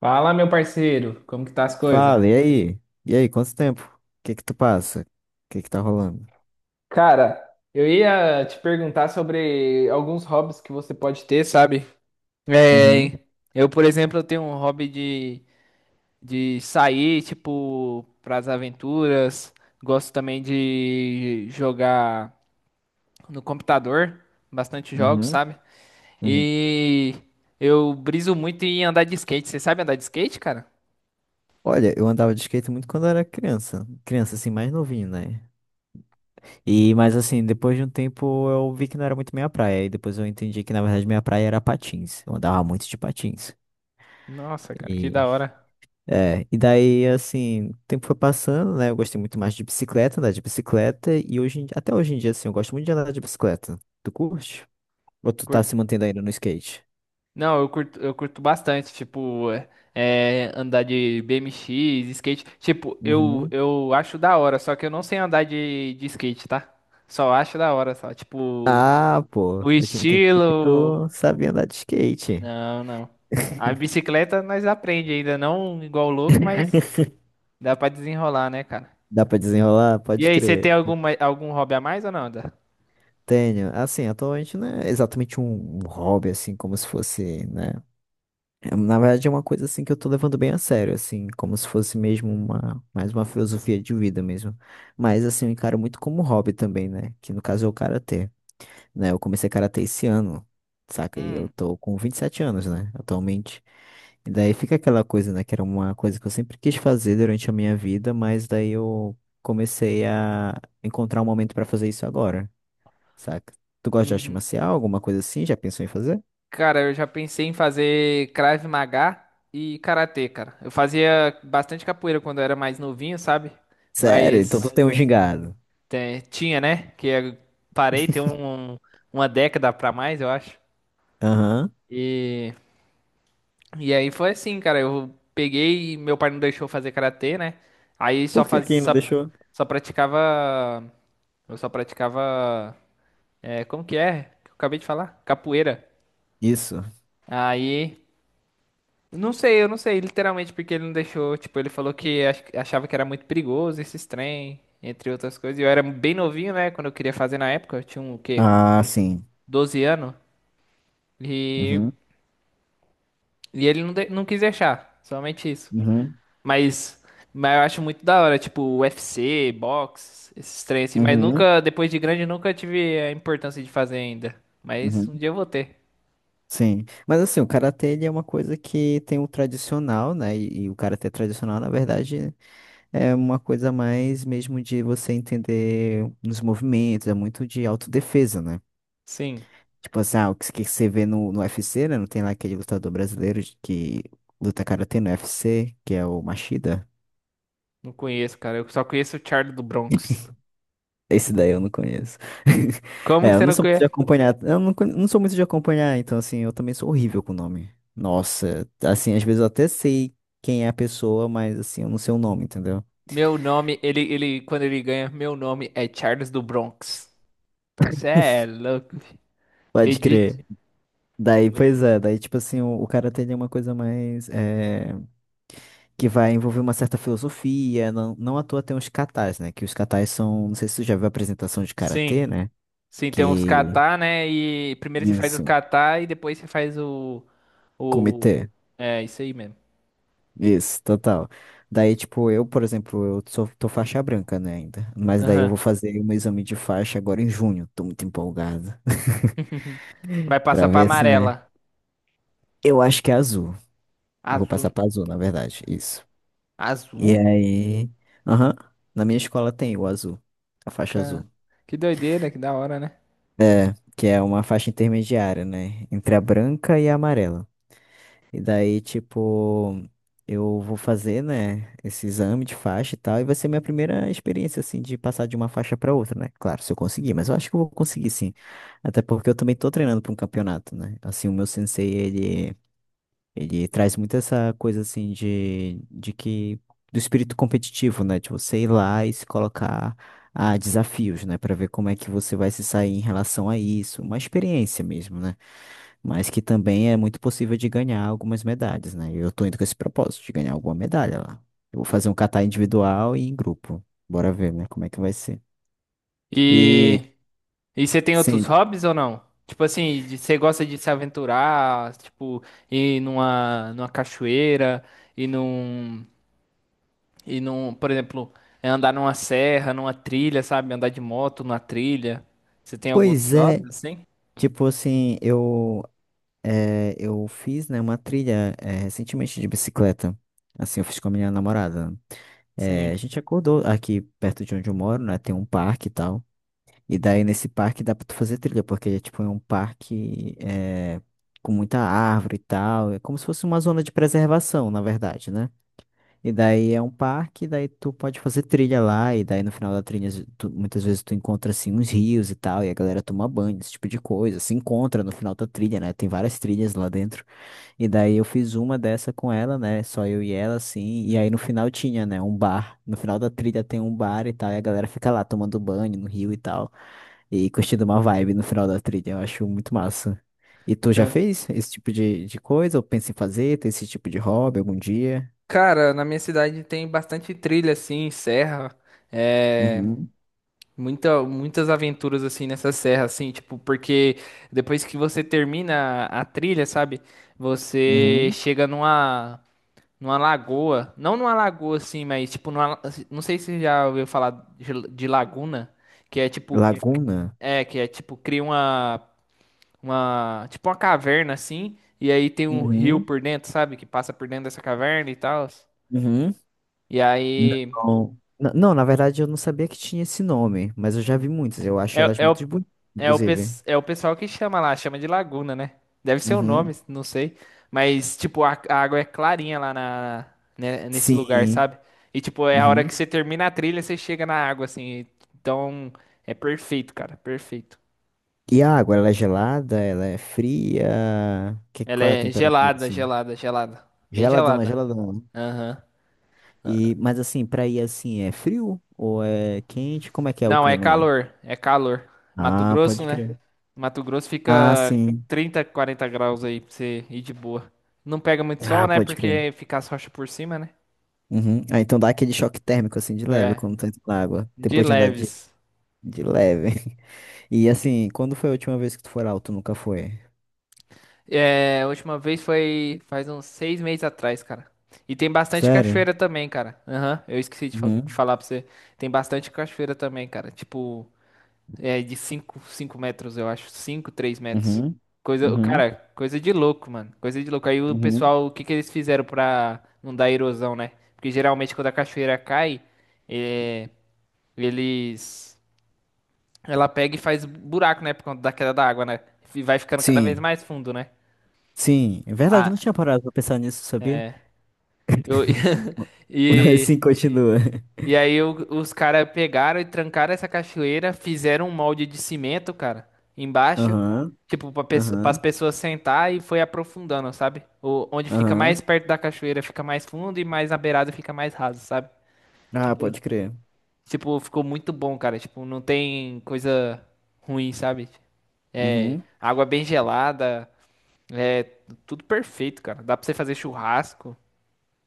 Fala, meu parceiro, como que tá as coisas? Fala, e aí? E aí, quanto tempo? O que que tu passa? O que que tá rolando? Cara, eu ia te perguntar sobre alguns hobbies que você pode ter, sabe? Uhum, É, eu, por exemplo, eu tenho um hobby de sair, tipo, pras aventuras. Gosto também de jogar no computador, bastante jogos, uhum, sabe? uhum. E eu briso muito em andar de skate. Você sabe andar de skate, cara? Olha, eu andava de skate muito quando eu era criança. Criança, assim, mais novinho, né? E, mas assim, depois de um tempo eu vi que não era muito minha praia. E depois eu entendi que, na verdade, minha praia era patins. Eu andava muito de patins. Nossa, cara, que E, da hora. e daí, assim, o tempo foi passando, né? Eu gostei muito mais de bicicleta, andar de bicicleta. E hoje, até hoje em dia, assim, eu gosto muito de andar de bicicleta. Tu curte? Ou tu tá se mantendo ainda no skate? Não, eu curto bastante, tipo, andar de BMX, skate. Tipo, eu, Uhum. eu acho da hora, só que eu não sei andar de skate, tá? Só acho da hora, só. Tipo, Ah, pô, o eu tinha entendido que estilo. tu sabia andar de skate. Não, não. A bicicleta nós aprende ainda, não igual louco, mas dá pra desenrolar, né, cara? Dá pra desenrolar? E Pode aí, você tem crer. Algum hobby a mais ou não, Dan? Tenho. Assim, atualmente não é exatamente um hobby, assim, como se fosse, né? É, na verdade, é uma coisa, assim, que eu tô levando bem a sério, assim, como se fosse mesmo mais uma filosofia de vida mesmo. Mas, assim, eu encaro muito como hobby também, né? Que no caso é o karatê, né? Eu comecei karatê esse ano, saca? E eu Hum, tô com 27 anos, né? Atualmente. E daí fica aquela coisa, né? Que era uma coisa que eu sempre quis fazer durante a minha vida, mas daí eu comecei a encontrar um momento pra fazer isso agora, saca? Tu gosta de arte uhum. marcial, alguma coisa assim? Já pensou em fazer? Cara, eu já pensei em fazer Krav Maga e karatê, cara. Eu fazia bastante capoeira quando eu era mais novinho, sabe? Sério? Então tu Mas tem um gingado. Tinha, né? Que eu parei tem um- uma década pra mais, eu acho. Aham. E, e aí foi assim, cara. Eu peguei, meu pai não deixou eu fazer karatê, né? Aí só Por que faz, quem não só, deixou? só praticava, eu só praticava, como que é? Que eu acabei de falar, capoeira. Isso. Aí não sei, eu não sei, literalmente, porque ele não deixou. Tipo, ele falou que achava que era muito perigoso esses trem, entre outras coisas. E eu era bem novinho, né? Quando eu queria fazer na época, eu tinha um, o quê? Um Ah, sim. 12 anos. E, Uhum. e ele não, não quis deixar, somente isso. Uhum. Mas, mas eu acho muito da hora, tipo, UFC, boxe, esses trem assim. Mas Uhum. nunca, depois de grande, nunca tive a importância de fazer ainda. Mas Uhum. um dia eu vou ter. Sim, mas assim, o karatê ele é uma coisa que tem o tradicional, né? E o karatê tradicional, na verdade, é uma coisa mais mesmo de você entender os movimentos, é muito de autodefesa, né? Sim, Tipo assim, ah, o que, que você vê no, UFC, né? Não tem lá aquele lutador brasileiro que luta karatê no UFC que é o Machida. não conheço, cara. Eu só conheço o Charlie do Bronx. Esse daí eu não conheço. Como É, que eu você não não sou muito de conhece? acompanhar. Eu não, con- não sou muito de acompanhar, então, assim, eu também sou horrível com o nome. Nossa, assim, às vezes eu até sei quem é a pessoa, mas, assim, eu não sei o nome, entendeu? Meu nome, ele, quando ele ganha, meu nome é Charles do Bronx. Isso é louco. Fi. Pode Edith. crer. Daí, pois Muito. é, daí, tipo assim, o cara tem uma coisa mais, que vai envolver uma certa filosofia. Não, não à toa tem os katas, né? Que os katas são. Não sei se você já viu a apresentação de Sim, karatê, né? sim, tem uns Que. catar, né? E primeiro você faz os Isso. catar e depois você faz o... Comitê. É, isso aí mesmo. Isso, total. Daí, tipo, eu, por exemplo, eu sou, tô faixa branca, né, ainda. Mas daí eu Aham. vou fazer um exame de faixa agora em junho. Tô muito empolgado. Vai passar Pra pra ver se, né? amarela. Eu acho que é azul. Eu vou passar Azul. pra azul, na verdade. Isso. E Azul? aí. Aham. Na minha escola tem o azul. A faixa Ca- azul. Que doideira, que da hora, né? Que é uma faixa intermediária, né? Entre a branca e a amarela. E daí, tipo, eu vou fazer, né, esse exame de faixa e tal, e vai ser minha primeira experiência, assim, de passar de uma faixa pra outra, né? Claro, se eu conseguir, mas eu acho que eu vou conseguir sim. Até porque eu também tô treinando pra um campeonato, né? Assim, o meu sensei, ele, traz muito essa coisa, assim, de que, do espírito competitivo, né? De você ir lá e se colocar a desafios, né? Pra ver como é que você vai se sair em relação a isso. Uma experiência mesmo, né? Mas que também é muito possível de ganhar algumas medalhas, né? Eu tô indo com esse propósito de ganhar alguma medalha lá. Eu vou fazer um catar individual e em grupo. Bora ver, né? Como é que vai ser. E, E. E você tem outros sim, hobbies ou não? Tipo assim, de- você gosta de se aventurar, tipo, ir numa cachoeira, ir num, ir num, por exemplo, andar numa serra, numa trilha, sabe? Andar de moto numa trilha. Você tem algum outro pois é. hobby assim? Tipo assim, eu fiz, né, uma trilha, recentemente de bicicleta. Assim, eu fiz com a minha namorada. É, Sim. a gente acordou aqui perto de onde eu moro, né? Tem um parque e tal. E daí nesse parque dá pra tu fazer trilha, porque ele é tipo é um parque é, com muita árvore e tal. É como se fosse uma zona de preservação, na verdade, né? E daí é um parque, daí tu pode fazer trilha lá, e daí no final da trilha muitas vezes tu encontra assim uns rios e tal, e a galera toma banho, esse tipo de coisa. Se encontra no final da trilha, né? Tem várias trilhas lá dentro. E daí eu fiz uma dessa com ela, né? Só eu e ela, assim. E aí no final tinha, né? Um bar. No final da trilha tem um bar e tal, e a galera fica lá tomando banho no rio e tal e curtindo uma vibe no final da trilha. Eu acho muito massa. E tu já Ca- fez esse tipo de coisa? Ou pensa em fazer? Tem esse tipo de hobby algum dia? Cara, na minha cidade tem bastante trilha assim, serra. Uhum, Muitas aventuras assim nessa serra, assim, tipo, porque depois que você termina a trilha, sabe? Você uhum. chega numa lagoa, não numa lagoa assim, mas tipo, numa, não sei se você já ouviu falar de laguna, que é tipo, Laguna? Que é tipo, cria tipo uma caverna assim, e aí tem um rio Uhum, por dentro, sabe? Que passa por dentro dessa caverna e tal. uhum. E aí. Não. Não, na verdade eu não sabia que tinha esse nome, mas eu já vi muitas. Eu É, acho elas é, o, muito bonitas, inclusive. O pessoal que chama lá, chama de laguna, né? Deve ser o nome, Uhum. não sei. Mas, tipo, a água é clarinha lá na, né, nesse lugar, Sim. sabe? E, tipo, é a hora Uhum. que você termina a trilha, você chega na água, assim. Então, é perfeito, cara, perfeito. E a água, ela é gelada? Ela é fria? Ela Qual é a é temperatura, gelada, assim? gelada, gelada. Bem Geladona, gelada. geladona. Aham. E, mas assim, pra ir assim, é frio ou é quente? Como é que é o Não, é clima aí? calor, é calor. Mato Ah, Grosso, pode né? crer. Mato Grosso Ah, fica sim. 30, 40 graus aí pra você ir de boa. Não pega muito sol, Ah, né? pode crer. Porque fica as rochas por cima, né? Uhum. Ah, então dá aquele choque térmico assim de leve É, quando tá entrando na água, de depois de andar de, leves. de leve. E assim, quando foi a última vez que tu foi lá ou tu nunca foi? É, a última vez foi faz uns 6 meses atrás, cara. E tem bastante Sério? cachoeira também, cara. Aham, eu esqueci de Uhum. falar pra você. Tem bastante cachoeira também, cara. Tipo, é de 5 metros, eu acho. Cinco 3 metros. Uhum. Coisa, Uhum. cara, coisa de louco, mano. Coisa de louco. Aí o Uhum. pessoal, o que que eles fizeram pra não dar erosão, né? Porque geralmente quando a cachoeira cai, é, eles. Ela pega e faz buraco, né? Por conta da queda da água, né? E vai ficando cada vez Sim. mais fundo, né? Sim. É verdade, eu Ah, não tinha parado pra pensar nisso, sabia? eu. Ma- Mas E. sim, continua. E aí os caras pegaram e trancaram essa cachoeira, fizeram um molde de cimento, cara, embaixo, Aham. tipo, para as Aham. pessoas sentar e foi aprofundando, sabe? Onde fica mais Aham. perto da cachoeira fica mais fundo e mais na beirada fica mais raso, sabe? Ah, Tipo, pode crer. tipo, ficou muito bom, cara. Tipo, não tem coisa ruim, sabe? É, Uhum. água bem gelada, é tudo perfeito, cara. Dá pra você fazer churrasco.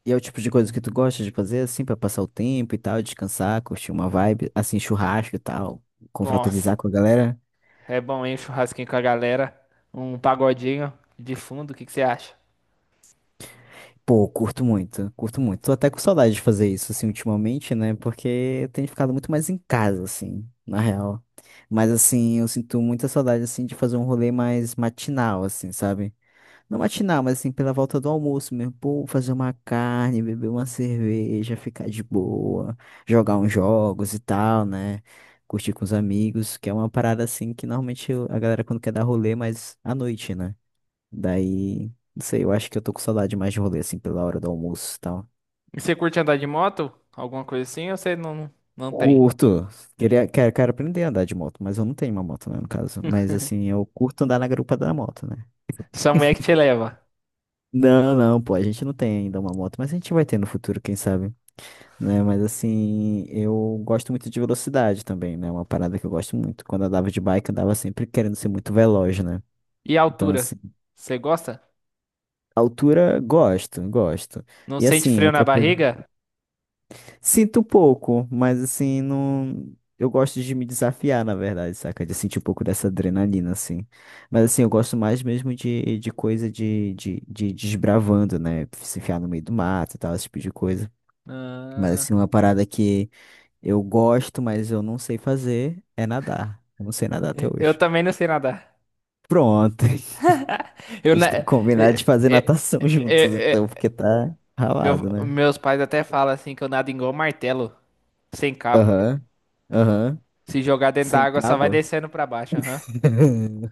E é o tipo de coisa que tu gosta de fazer, assim, pra passar o tempo e tal, descansar, curtir uma vibe, assim, churrasco e tal, Nossa. confraternizar com a galera. É bom, hein? Um churrasquinho com a galera. Um pagodinho de fundo, o que que você acha? Pô, curto muito, curto muito. Tô até com saudade de fazer isso, assim, ultimamente, né? Porque eu tenho ficado muito mais em casa, assim, na real. Mas, assim, eu sinto muita saudade, assim, de fazer um rolê mais matinal, assim, sabe? Não matinal, mas assim, pela volta do almoço mesmo. Pô, fazer uma carne, beber uma cerveja, ficar de boa, jogar uns jogos e tal, né? Curtir com os amigos, que é uma parada assim que normalmente a galera quando quer dar rolê, mas à noite, né? Daí, não sei, eu acho que eu tô com saudade mais de rolê, assim, pela hora do almoço e tal. E você curte andar de moto? Alguma coisa assim? Ou você não, não tem? Curto. Queria, quero aprender a andar de moto, mas eu não tenho uma moto, né, no caso. Mas assim, eu curto andar na garupa da moto, né? Sua mulher que te leva. Não, não, pô, a gente não tem ainda uma moto, mas a gente vai ter no futuro, quem sabe, né? Mas assim, eu gosto muito de velocidade também, né? Uma parada que eu gosto muito. Quando eu andava de bike, eu andava sempre querendo ser muito veloz, né? E a Então, altura? assim, Você gosta? altura, gosto, gosto. Não E sente assim, frio na outra coisa, barriga? sinto um pouco, mas assim, não. Eu gosto de me desafiar, na verdade, saca? De sentir um pouco dessa adrenalina, assim. Mas assim, eu gosto mais mesmo de coisa de desbravando, né? Se enfiar no meio do mato e tal, esse tipo de coisa. Mas assim, Ah, uma parada que eu gosto, mas eu não sei fazer, é nadar. Eu não sei nadar até eu hoje. também não sei nadar. Pronto. Eu, A na- gente tem que é- combinar de fazer é- natação juntos, é- então, porque é- tá eu- ralado, né? Meus pais até falam assim que eu nado igual martelo, sem cabo. Aham, aham. Se jogar dentro da Sem água, só vai cabo? descendo pra baixo, aham.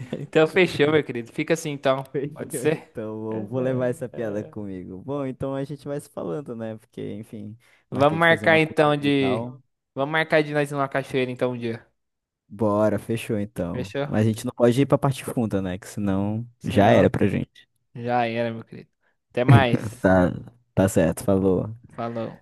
Então fechou, meu querido. Fica assim então. Pode Fechou, ser? então, eu vou levar essa piada comigo. Bom, então a gente vai se falando, né? Porque, enfim, Vamos marquei de fazer marcar uma curta então aqui e de. tal. Vamos marcar de nós ir numa cachoeira então um dia. Bora, fechou então. Fechou? Mas a gente não pode ir pra parte funda, né? Que senão já era Senão pra gente. já era, meu querido. Até mais. Tá, tá certo, falou. Falou.